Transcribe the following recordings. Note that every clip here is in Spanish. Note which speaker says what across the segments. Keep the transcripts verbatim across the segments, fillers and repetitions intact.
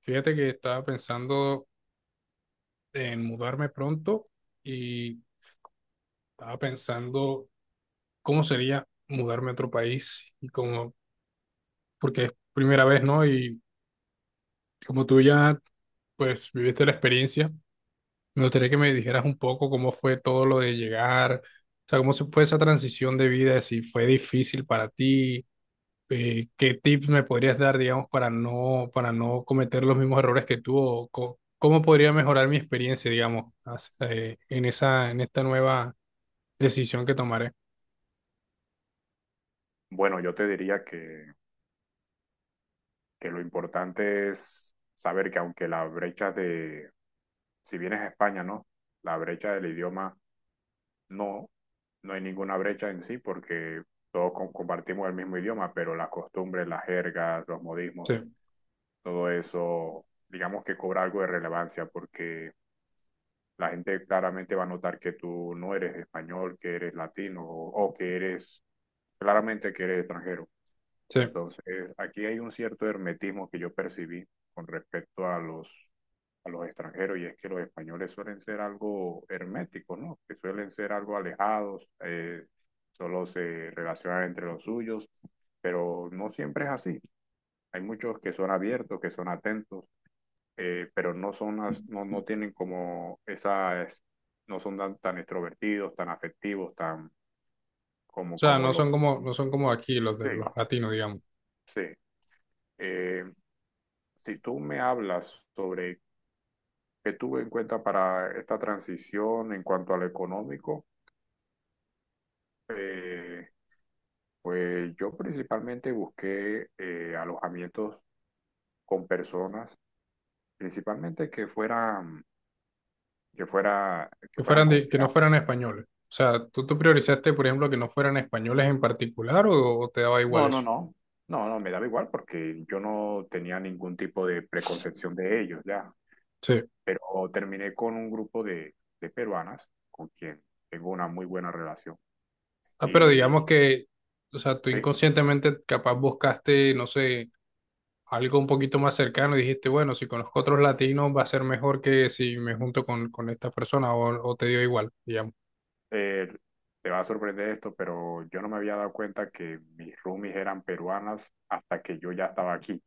Speaker 1: Fíjate que estaba pensando en mudarme pronto y estaba pensando cómo sería mudarme a otro país y como, porque es primera vez, ¿no? Y como tú ya, pues, viviste la experiencia, me gustaría que me dijeras un poco cómo fue todo lo de llegar, o sea, cómo se fue esa transición de vida, si fue difícil para ti, eh, ¿qué tips me podrías dar, digamos, para no, para no cometer los mismos errores que tú? O co- ¿Cómo podría mejorar mi experiencia, digamos, as- eh, en esa, en esta nueva decisión que tomaré?
Speaker 2: Bueno, yo te diría que, que lo importante es saber que aunque la brecha de, si vienes a España, ¿no? La brecha del idioma, no, no hay ninguna brecha en sí porque todos com- compartimos el mismo idioma, pero las costumbres, las jergas, los
Speaker 1: Sí,
Speaker 2: modismos, todo eso, digamos que cobra algo de relevancia porque la gente claramente va a notar que tú no eres español, que eres latino o o que eres, claramente que eres extranjero.
Speaker 1: sí. O
Speaker 2: Entonces, aquí hay un cierto hermetismo que yo percibí con respecto a los, a los extranjeros, y es que los españoles suelen ser algo herméticos, ¿no? Que suelen ser algo alejados, eh, solo se relacionan entre los suyos, pero no siempre es así. Hay muchos que son abiertos, que son atentos, eh, pero no son, as- no, no tienen como esas, no son tan, tan extrovertidos, tan afectivos, tan como,
Speaker 1: sea,
Speaker 2: como
Speaker 1: no
Speaker 2: los...
Speaker 1: son como, no son como aquí los de
Speaker 2: Sí,
Speaker 1: los latinos, digamos,
Speaker 2: sí. Eh, Si tú me hablas sobre qué tuve en cuenta para esta transición en cuanto a lo económico, eh, pues yo principalmente busqué eh, alojamientos con personas, principalmente que fueran, que fuera, que
Speaker 1: que
Speaker 2: fueran
Speaker 1: fueran de- que no
Speaker 2: confiables.
Speaker 1: fueran españoles. O sea, ¿tú, ¿tú priorizaste, por ejemplo, que no fueran españoles en particular o, o te daba igual
Speaker 2: No, no,
Speaker 1: eso?
Speaker 2: no. No, no, me daba igual porque yo no tenía ningún tipo de preconcepción de ellos ya.
Speaker 1: Sí.
Speaker 2: Pero terminé con un grupo de, de peruanas con quien tengo una muy buena relación.
Speaker 1: Ah, pero
Speaker 2: Y
Speaker 1: digamos que, o sea, tú
Speaker 2: sí,
Speaker 1: inconscientemente capaz buscaste, no sé, algo un poquito más cercano y dijiste, bueno, si conozco otros latinos va a ser mejor que si me junto con, con esta persona o, o te dio igual, digamos.
Speaker 2: eh, te va a sorprender esto, pero yo no me había dado cuenta que mis roomies eran peruanas hasta que yo ya estaba aquí,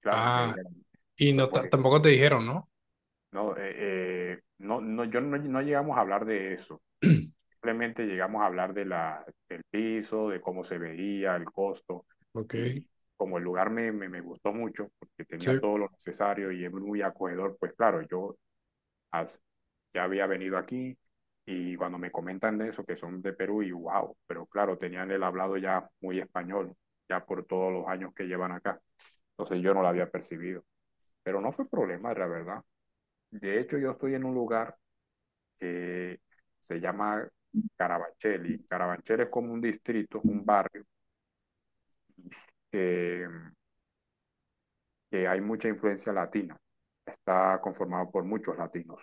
Speaker 2: claro, y me
Speaker 1: Ah,
Speaker 2: dijeron, o
Speaker 1: y
Speaker 2: sea,
Speaker 1: no ta-
Speaker 2: porque
Speaker 1: tampoco te dijeron, ¿no?
Speaker 2: no, eh, eh, no, no, yo no, no llegamos a hablar de eso, simplemente llegamos a hablar de la, del piso, de cómo se veía, el costo,
Speaker 1: Ok,
Speaker 2: y como el lugar me, me, me gustó mucho, porque
Speaker 1: sí,
Speaker 2: tenía todo lo necesario y es muy acogedor, pues claro, yo as- ya había venido aquí y cuando me comentan de eso, que son de Perú, y wow, pero claro, tenían el hablado ya muy español, ya por todos los años que llevan acá. Entonces yo no la había percibido, pero no fue problema, la verdad. De hecho, yo estoy en un lugar que se llama Carabanchel, y Carabanchel es como un distrito, un barrio que, que hay mucha influencia latina. Está conformado por muchos latinos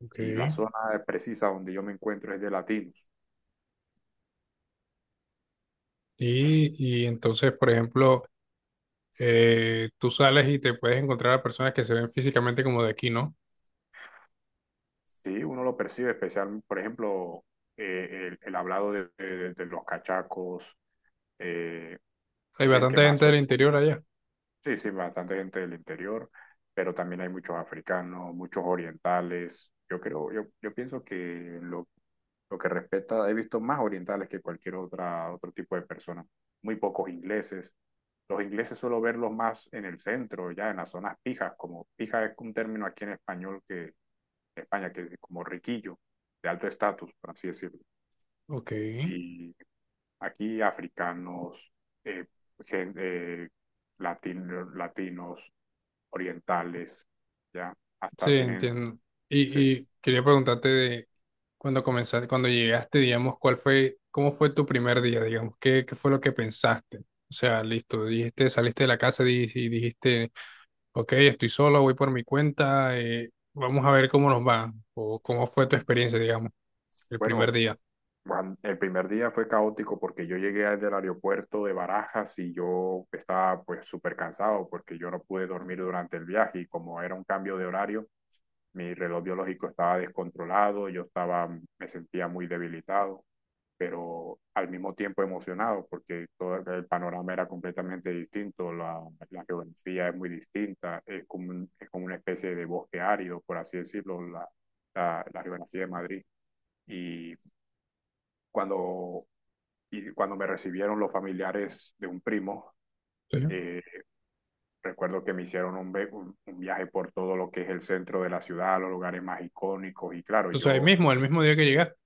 Speaker 1: ok.
Speaker 2: y la zona precisa donde yo me encuentro es de latinos.
Speaker 1: Y, y entonces, por ejemplo, eh, tú sales y te puedes encontrar a personas que se ven físicamente como de aquí, ¿no?
Speaker 2: Sí, uno lo percibe, especial, por ejemplo, eh, el, el hablado de, de- de los cachacos, eh,
Speaker 1: Hay
Speaker 2: es el que
Speaker 1: bastante
Speaker 2: más
Speaker 1: gente del
Speaker 2: suele
Speaker 1: interior
Speaker 2: escuchar.
Speaker 1: allá.
Speaker 2: Sí, sí, bastante gente del interior, pero también hay muchos africanos, muchos orientales. Yo creo, yo, yo pienso que lo, lo que respecta, he visto más orientales que cualquier otra, otro tipo de persona. Muy pocos ingleses. Los ingleses suelo verlos más en el centro, ya en las zonas pijas, como pija es un término aquí en español que en España, que es como riquillo, de alto estatus, por así decirlo.
Speaker 1: Ok.
Speaker 2: Y aquí africanos, eh, gen- eh, latino- latinos, orientales, ya,
Speaker 1: Sí,
Speaker 2: hasta tienen,
Speaker 1: entiendo.
Speaker 2: sí.
Speaker 1: Y, y quería preguntarte de cuando comenzaste, cuando llegaste, digamos, ¿cuál fue, ¿cómo fue tu primer día, digamos? ¿Qué, ¿qué fue lo que pensaste? O sea, listo, dijiste, saliste de la casa di- y dijiste, ok, estoy solo, voy por mi cuenta, eh, vamos a ver cómo nos va, o cómo fue tu experiencia, digamos, el
Speaker 2: Bueno,
Speaker 1: primer día.
Speaker 2: Juan, el primer día fue caótico porque yo llegué del aeropuerto de Barajas y yo estaba pues súper cansado porque yo no pude dormir durante el viaje y como era un cambio de horario, mi reloj biológico estaba descontrolado, yo estaba, me sentía muy debilitado, pero al mismo tiempo emocionado, porque todo el panorama era completamente distinto, la, la geografía es muy distinta, es como, un- es como una especie de bosque árido, por así decirlo, la, la, la geografía de Madrid. Y cuando, y cuando me recibieron los familiares de un primo,
Speaker 1: Sí.
Speaker 2: eh, recuerdo que me hicieron un, un un viaje por todo lo que es el centro de la ciudad, los lugares más icónicos, y claro,
Speaker 1: O sea, el
Speaker 2: yo
Speaker 1: mismo, el mismo día que llegaste.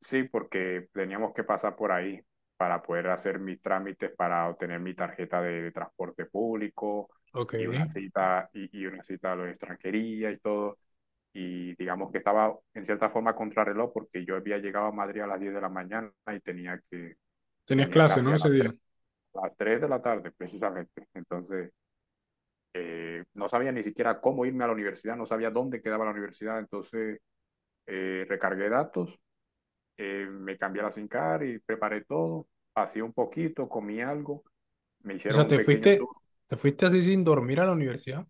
Speaker 2: sí, porque teníamos que pasar por ahí para poder hacer mis trámites, para obtener mi tarjeta de, de transporte público
Speaker 1: Ok.
Speaker 2: y una cita y, y una cita a la extranjería y todo. Y digamos que estaba en cierta forma contrarreloj porque yo había llegado a Madrid a las diez de la mañana y tenía que
Speaker 1: Tenías
Speaker 2: tenía
Speaker 1: clase,
Speaker 2: clase
Speaker 1: ¿no?
Speaker 2: a
Speaker 1: Ese
Speaker 2: las tres
Speaker 1: día.
Speaker 2: a las tres de la tarde precisamente. Entonces, eh, no sabía ni siquiera cómo irme a la universidad, no sabía dónde quedaba la universidad, entonces eh, recargué datos, eh, me cambié a la sincar y preparé todo, hacía un poquito, comí algo, me
Speaker 1: O
Speaker 2: hicieron
Speaker 1: sea,
Speaker 2: un
Speaker 1: te
Speaker 2: pequeño tour.
Speaker 1: fuiste, te fuiste así sin dormir a la universidad.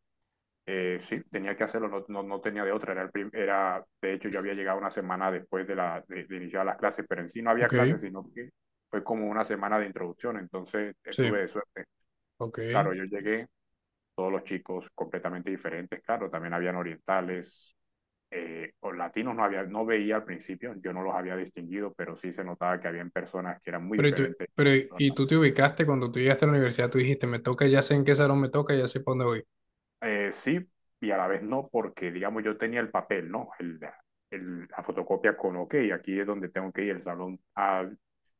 Speaker 2: Eh, sí, tenía que hacerlo, no, no, no tenía de otra. Era el prim- era, de hecho, yo había llegado una semana después de, la, de, de iniciar las clases, pero en sí no había
Speaker 1: Ok,
Speaker 2: clases, sino que fue como una semana de introducción, entonces
Speaker 1: sí,
Speaker 2: estuve de suerte.
Speaker 1: ok.
Speaker 2: Claro, yo llegué, todos los chicos completamente diferentes, claro, también habían orientales, eh, o latinos no había, no veía al principio, yo no los había distinguido, pero sí se notaba que habían personas que eran muy
Speaker 1: Pero, y tú,
Speaker 2: diferentes.
Speaker 1: pero y tú te ubicaste cuando tú llegaste a la universidad, tú dijiste, me toca, ya sé en qué salón me toca, ya sé para dónde voy.
Speaker 2: Eh, sí, y a la vez no, porque digamos yo tenía el papel, ¿no? El, el- la fotocopia con OK, aquí es donde tengo que ir, el salón A,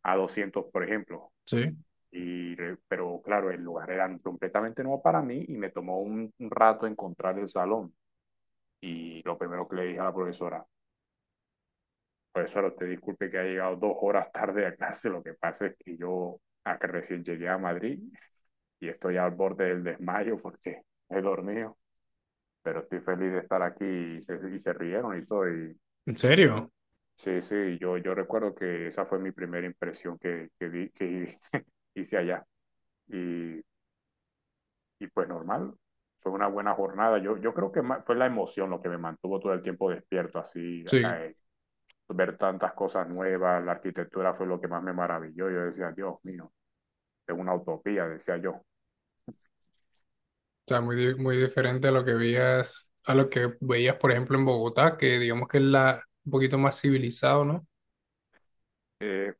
Speaker 2: a doscientos por ejemplo.
Speaker 1: ¿Sí?
Speaker 2: Y, eh, pero claro, el lugar era completamente nuevo para mí y me tomó un, un rato encontrar el salón. Y lo primero que le dije a la profesora, profesora, usted disculpe que ha llegado dos horas tarde a clase, lo que pasa es que yo acá recién llegué a Madrid y estoy al borde del desmayo porque he dormido. Pero estoy feliz de estar aquí y se, y se rieron y todo. Y
Speaker 1: ¿En serio?
Speaker 2: sí, sí, yo, yo recuerdo que esa fue mi primera impresión que, que, di- que hice allá. Y, y pues normal, fue una buena jornada. Yo, yo creo que ma- fue la emoción lo que me mantuvo todo el tiempo despierto, así,
Speaker 1: Sí.
Speaker 2: eh, ver tantas cosas nuevas, la arquitectura fue lo que más me maravilló. Yo decía, Dios mío, es una utopía, decía yo.
Speaker 1: O sea, muy, di- muy diferente a lo que veías, a lo que veías, por ejemplo, en Bogotá, que digamos que es la, un poquito más civilizado, ¿no?
Speaker 2: Eh,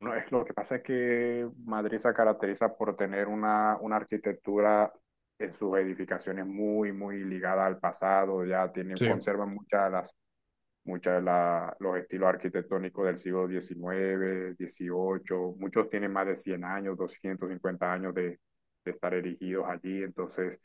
Speaker 2: No, es lo que pasa es que Madrid se caracteriza por tener una, una arquitectura en sus edificaciones muy, muy ligada al pasado, ya tiene,
Speaker 1: Sí.
Speaker 2: conservan muchas de las, muchas de la- los estilos arquitectónicos del siglo diecinueve dieciocho, muchos tienen más de cien años, doscientos cincuenta años de, de estar erigidos allí, entonces,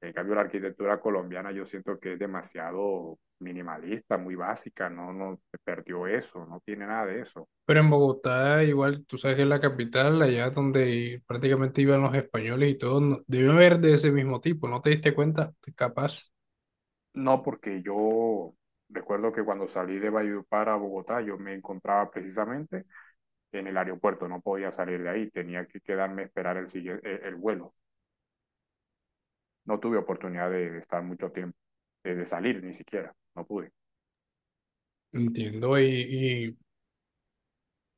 Speaker 2: en cambio, la arquitectura colombiana yo siento que es demasiado minimalista, muy básica, no, no perdió eso, no tiene nada de eso.
Speaker 1: Pero en Bogotá, igual, tú sabes que es la capital, allá donde prácticamente iban los españoles y todo, no- debe haber de ese mismo tipo, ¿no te diste cuenta? Capaz.
Speaker 2: No, porque yo recuerdo que cuando salí de Valledupar a Bogotá, yo me encontraba precisamente en el aeropuerto, no podía salir de ahí, tenía que quedarme a esperar el, sigue- el, el vuelo. No tuve oportunidad de estar mucho tiempo, de, de salir ni siquiera, no pude.
Speaker 1: Entiendo, y,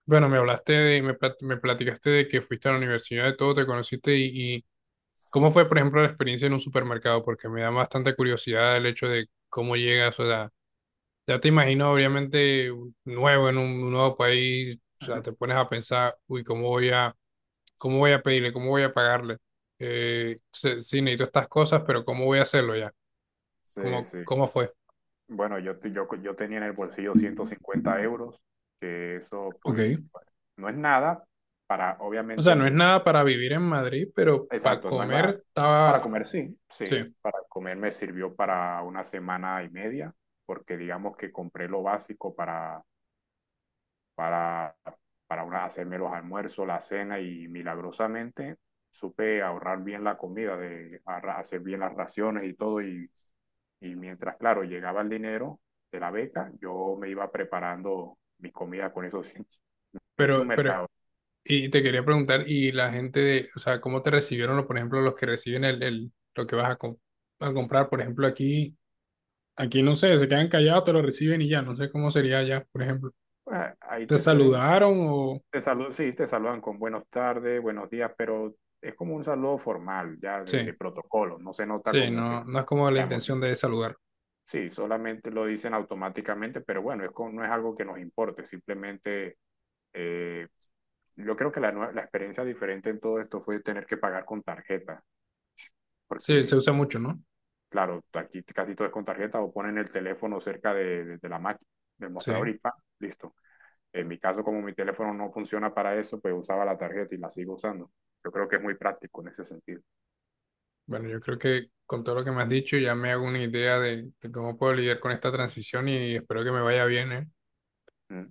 Speaker 1: bueno, me hablaste de, me, plat- me platicaste de que fuiste a la universidad, de todo, te conociste y, y cómo fue, por ejemplo, la experiencia en un supermercado, porque me da bastante curiosidad el hecho de cómo llegas, o sea, ya te imagino, obviamente, nuevo en un nuevo país, o sea, te pones a pensar, uy, ¿cómo voy a, ¿cómo voy a pedirle, cómo voy a pagarle? Eh, se- sí, necesito estas cosas, pero ¿cómo voy a hacerlo ya?
Speaker 2: Sí,
Speaker 1: ¿Cómo,
Speaker 2: sí.
Speaker 1: ¿cómo fue?
Speaker 2: Bueno, yo, te- yo, yo tenía en el bolsillo ciento cincuenta euros, que eso
Speaker 1: Ok.
Speaker 2: pues bueno, no es nada para,
Speaker 1: O sea,
Speaker 2: obviamente,
Speaker 1: no es
Speaker 2: me-
Speaker 1: nada para vivir en Madrid, pero para
Speaker 2: Exacto, no es más.
Speaker 1: comer
Speaker 2: Para
Speaker 1: estaba,
Speaker 2: comer sí, sí.
Speaker 1: sí.
Speaker 2: Para comer me sirvió para una semana y media, porque digamos que compré lo básico para, para, para una- hacerme los almuerzos, la cena y milagrosamente supe ahorrar bien la comida, de arra- hacer bien las raciones y todo. Y, y mientras, claro, llegaba el dinero de la beca, yo me iba preparando mis comidas con eso. Sí. Me hice un
Speaker 1: Pero, pero
Speaker 2: mercado.
Speaker 1: y te quería preguntar, y la gente de, o sea, ¿cómo te recibieron, o, por ejemplo, los que reciben el, el- lo que vas a, com- a comprar? Por ejemplo, aquí, aquí no sé, se quedan callados, te lo reciben y ya, no sé cómo sería allá, por ejemplo.
Speaker 2: Pues, ahí
Speaker 1: ¿Te
Speaker 2: te suelen
Speaker 1: saludaron o...?
Speaker 2: te saludan, sí, te saludan con buenos tardes, buenos días, pero es como un saludo formal, ya de, de
Speaker 1: Sí,
Speaker 2: protocolo, no se nota
Speaker 1: sí,
Speaker 2: como que
Speaker 1: no, no es como la
Speaker 2: la emoción.
Speaker 1: intención de saludar.
Speaker 2: Sí, solamente lo dicen automáticamente, pero bueno, es con- no es algo que nos importe, simplemente eh, yo creo que la, nue- la experiencia diferente en todo esto fue tener que pagar con tarjeta,
Speaker 1: Sí, se
Speaker 2: porque
Speaker 1: usa mucho, ¿no?
Speaker 2: claro, aquí casi todo es con tarjeta o ponen el teléfono cerca de, de- de la máquina, del mostrador
Speaker 1: Sí.
Speaker 2: y pa, listo. En mi caso, como mi teléfono no funciona para eso, pues usaba la tarjeta y la sigo usando. Yo creo que es muy práctico en ese sentido.
Speaker 1: Bueno, yo creo que con todo lo que me has dicho ya me hago una idea de, de cómo puedo lidiar con esta transición y espero que me vaya bien, ¿eh?
Speaker 2: ¿Mm?